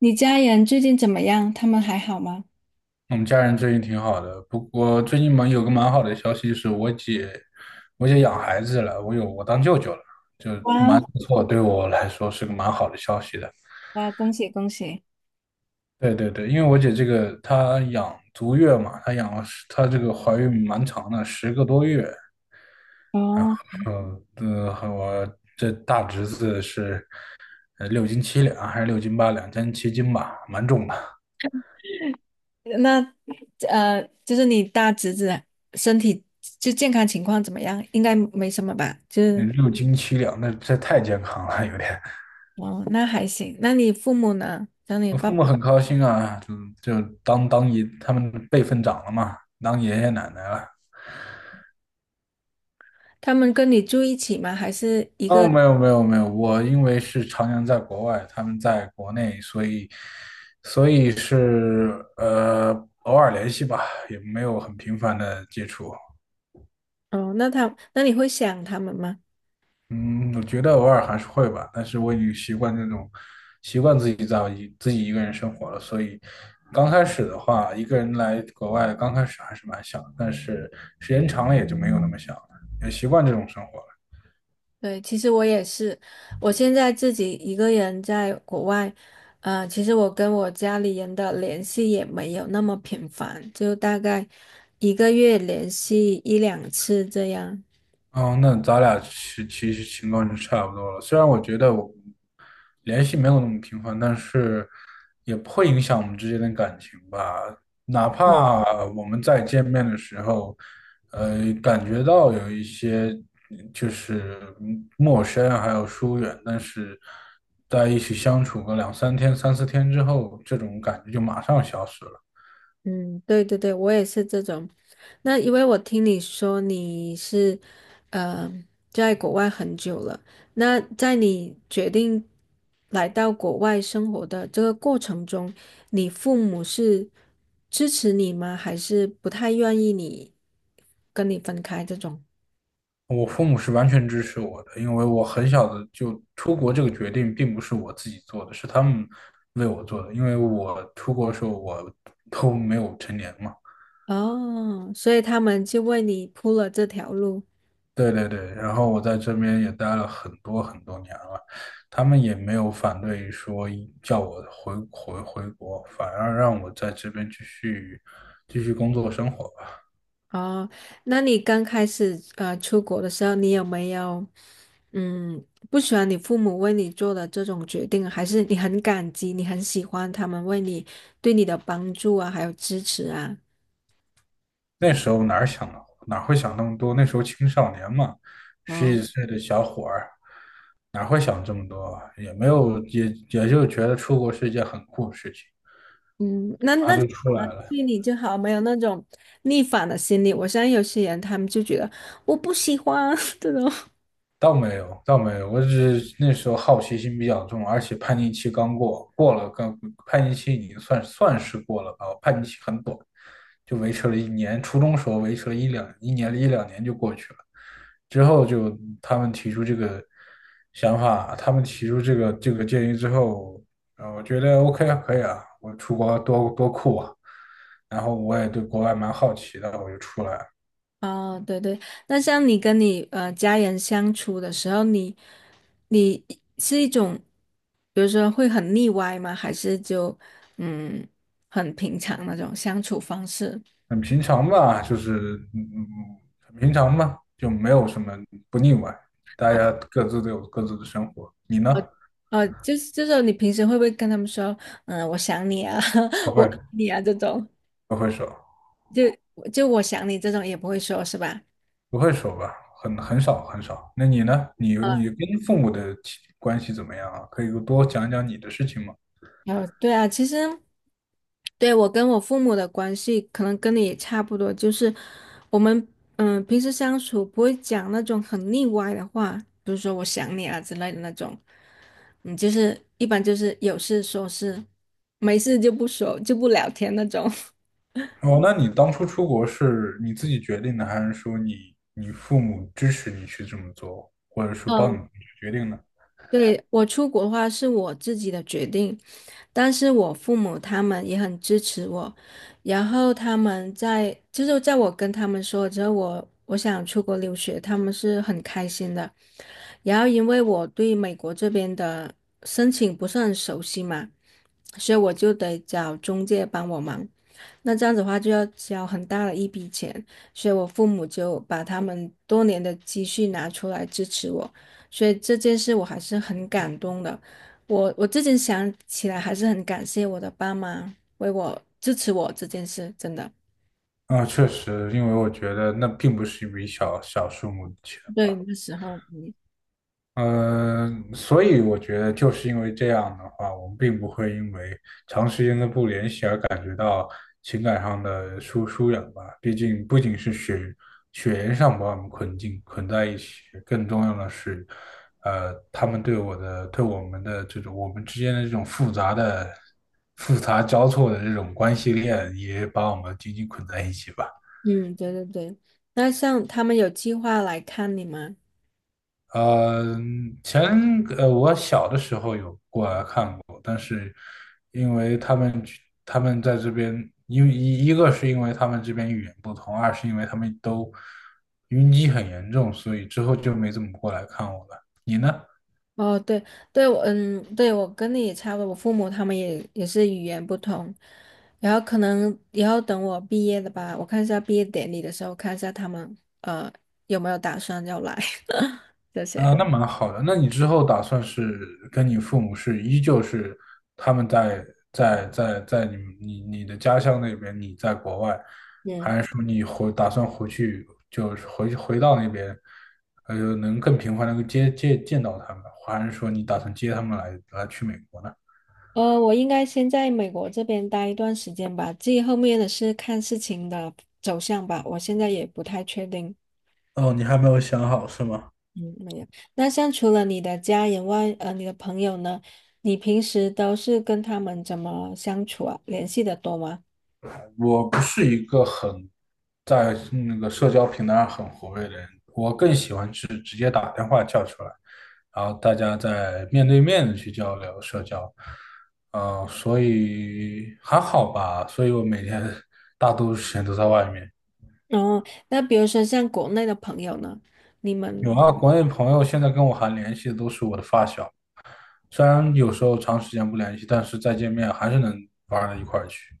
你家人最近怎么样？他们还好吗？我们家人最近挺好的，不过最近蛮有个蛮好的消息是我姐养孩子了，我当舅舅了，就哇蛮不错，对我来说是个蛮好的消息的。哇，恭喜恭喜！对对对，因为我姐这个她养足月嘛，她养了十她这个怀孕蛮长的，10个多月，然哦，后呃，和我这大侄子是六斤七两还是6斤8两，将近7斤吧，蛮重的。那就是你大侄子身体就健康情况怎么样？应该没什么吧？就是嗯，六斤七两那这太健康了，有点。哦，那还行。那你父母呢？像你我父爸，母很高兴啊，就当爷，他们辈分长了嘛，当爷爷奶奶了。他们跟你住一起吗？还是一哦，个？没有没有没有，我因为是常年在国外，他们在国内，所以是偶尔联系吧，也没有很频繁的接触。哦，那他，那你会想他们吗？嗯，我觉得偶尔还是会吧，但是我已经习惯这种，习惯自己一个人生活了，所以刚开始的话，一个人来国外，刚开始还是蛮想的，但是时间长了也就没有那么想了，也习惯这种生活了。对，其实我也是，我现在自己一个人在国外。其实我跟我家里人的联系也没有那么频繁，就大概一个月联系一两次这样。哦，那咱俩其实情况就差不多了。虽然我觉得我联系没有那么频繁，但是也不会影响我们之间的感情吧。哪怕我们再见面的时候，感觉到有一些就是陌生还有疏远，但是在一起相处个两三天、三四天之后，这种感觉就马上消失了。嗯，对对对，我也是这种。那因为我听你说你是，呃，在国外很久了，那在你决定来到国外生活的这个过程中，你父母是支持你吗？还是不太愿意你跟你分开这种？我父母是完全支持我的，因为我很小的就出国这个决定并不是我自己做的，是他们为我做的。因为我出国的时候我都没有成年嘛，哦，所以他们就为你铺了这条路。对对对，然后我在这边也待了很多很多年了，他们也没有反对说叫我回国，反而让我在这边继续工作生活。哦，那你刚开始出国的时候，你有没有嗯不喜欢你父母为你做的这种决定，还是你很感激，你很喜欢他们为你对你的帮助啊，还有支持啊？那时候哪会想那么多？那时候青少年嘛，十哦，几岁的小伙儿，哪会想这么多啊，也没有，也就觉得出国是一件很酷的事情，嗯，那然那后就就出好来了，了。对你就好，没有那种逆反的心理。我相信有些人他们就觉得我不喜欢 这种。倒没有，倒没有，我只是那时候好奇心比较重，而且叛逆期刚过，过了刚叛逆期已经算是过了吧，叛逆期很短，就维持了一年，初中时候维持了一两年就过去了，之后就他们提出这个想法，他们提出这个建议之后，我觉得 OK 啊，可以啊，我出国多酷啊，然后我也对国外蛮好奇的，我就出来了。哦，对对，那像你跟你家人相处的时候，你你是一种，比如说会很腻歪吗？还是就嗯很平常那种相处方式？很平常吧，就是很平常吧，就没有什么不腻歪，大家各自都有各自的生活。你哦呢？哦，就是就是你平时会不会跟他们说，嗯，我想你啊，不 我会，爱你啊这种，不会说，就就我想你这种也不会说是吧？不会说吧，很少很少。那你呢？你跟父母的亲关系怎么样啊？可以多讲讲你的事情吗？对啊，其实对我跟我父母的关系，可能跟你也差不多，就是我们平时相处不会讲那种很腻歪的话，比如说我想你啊之类的那种。嗯，就是一般就是有事说事，没事就不说就不聊天那种。哦，那你当初出国是你自己决定的，还是说你父母支持你去这么做，或者说帮嗯，你去决定呢？对，我出国的话是我自己的决定，但是我父母他们也很支持我，然后他们在就是在我跟他们说之后，我我想出国留学，他们是很开心的。然后因为我对美国这边的申请不是很熟悉嘛，所以我就得找中介帮我忙。那这样子的话就要交很大的一笔钱，所以我父母就把他们多年的积蓄拿出来支持我，所以这件事我还是很感动的。我我最近想起来还是很感谢我的爸妈为我支持我这件事，真的。啊，确实，因为我觉得那并不是一笔小小数目的钱对，吧。那时候，嗯，呃，所以我觉得就是因为这样的话，我们并不会因为长时间的不联系而感觉到情感上的疏远吧。毕竟不仅是血缘上把我们捆在一起，更重要的是，他们对我的对我们的这种我们之间的这种复杂交错的这种关系链，也把我们紧紧捆在一起吧。嗯对对对。那像他们有计划来看你吗？呃，前我小的时候有过来看过，但是因为他们在这边，因为一个是因为他们这边语言不通，二是因为他们都晕机很严重，所以之后就没怎么过来看我了。你呢？哦，对对，我嗯，对我跟你也差不多，我父母他们也也是语言不通，然后可能以后等我毕业了吧，我看一下毕业典礼的时候，看一下他们呃有没有打算要来 这啊，些。那蛮好的。那你之后打算是跟你父母是依旧是他们在你们你你的家乡那边，你在国外，嗯，还是说你打算回去，就是回到那边，能更频繁的接见到他们，还是说你打算接他们去美国呢？我应该先在美国这边待一段时间吧，至于后面的是看事情的走向吧，我现在也不太确定。哦，你还没有想好是吗？嗯，没有。那像除了你的家人外，你的朋友呢？你平时都是跟他们怎么相处啊？联系的多吗？我不是一个很在那个社交平台上很活跃的人，我更喜欢是直接打电话叫出来，然后大家在面对面的去交流社交。所以还好吧，所以我每天大多数时间都在外面。哦，那比如说像国内的朋友呢，你们，有啊，国内朋友现在跟我还联系的都是我的发小，虽然有时候长时间不联系，但是再见面还是能玩到一块儿去。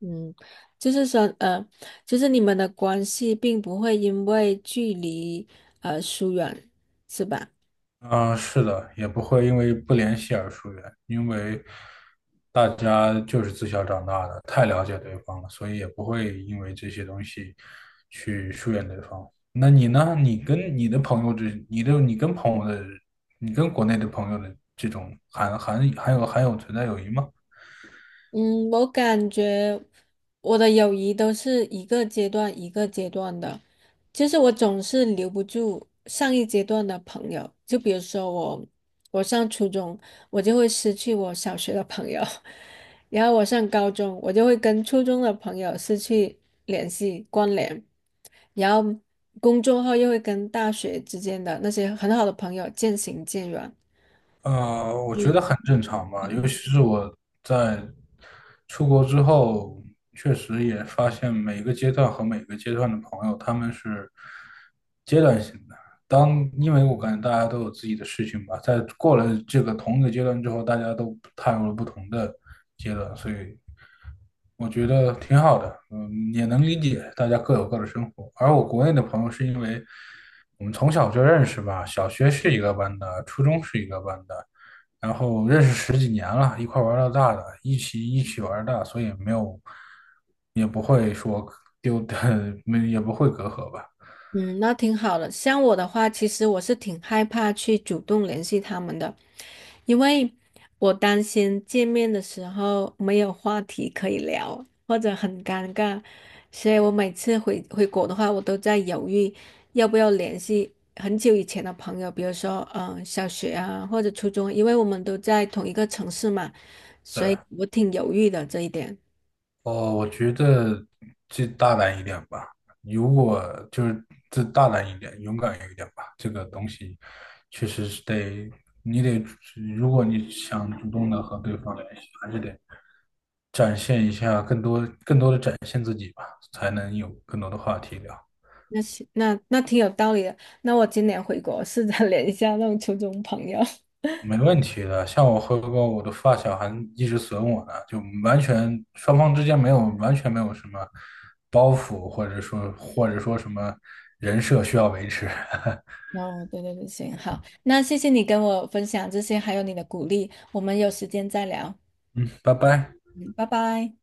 嗯，就是说，就是你们的关系并不会因为距离而疏远，是吧？嗯，是的，也不会因为不联系而疏远，因为大家就是自小长大的，太了解对方了，所以也不会因为这些东西去疏远对方。那你呢？你跟你的朋友之，你的你跟朋友的，你跟国内的朋友的这种还有存在友谊吗？嗯，我感觉我的友谊都是一个阶段一个阶段的，就是我总是留不住上一阶段的朋友。就比如说我，我上初中，我就会失去我小学的朋友，然后我上高中，我就会跟初中的朋友失去联系关联，然后工作后又会跟大学之间的那些很好的朋友渐行渐远。我觉得很正常吧，尤其是我在出国之后，确实也发现每个阶段和每个阶段的朋友，他们是阶段性的。因为我感觉大家都有自己的事情吧，在过了这个同一个阶段之后，大家都踏入了不同的阶段，所以我觉得挺好的，也能理解大家各有各的生活。而我国内的朋友是因为我们从小就认识吧，小学是一个班的，初中是一个班的，然后认识十几年了，一块玩到大的，一起玩大，所以没有，也不会说丢的，没也不会隔阂吧，嗯，那挺好的。像我的话，其实我是挺害怕去主动联系他们的，因为我担心见面的时候没有话题可以聊，或者很尴尬，所以我每次回回国的话，我都在犹豫要不要联系很久以前的朋友，比如说小学啊或者初中，因为我们都在同一个城市嘛，所对。以我挺犹豫的这一点。哦，我觉得就大胆一点吧。如果就是这大胆一点，勇敢一点吧。这个东西确实是得，你得，如果你想主动的和对方联系，还是得展现一下更多、更多的展现自己吧，才能有更多的话题聊。那行，那那挺有道理的。那我今年回国试着 联系一下那种初中朋友。没问题的，像我和我的发小还一直损我呢，就完全没有什么包袱，或者说什么人设需要维持。哦，后，对对对，行，好，那谢谢你跟我分享这些，还有你的鼓励。我们有时间再聊。嗯，拜拜。嗯，拜拜。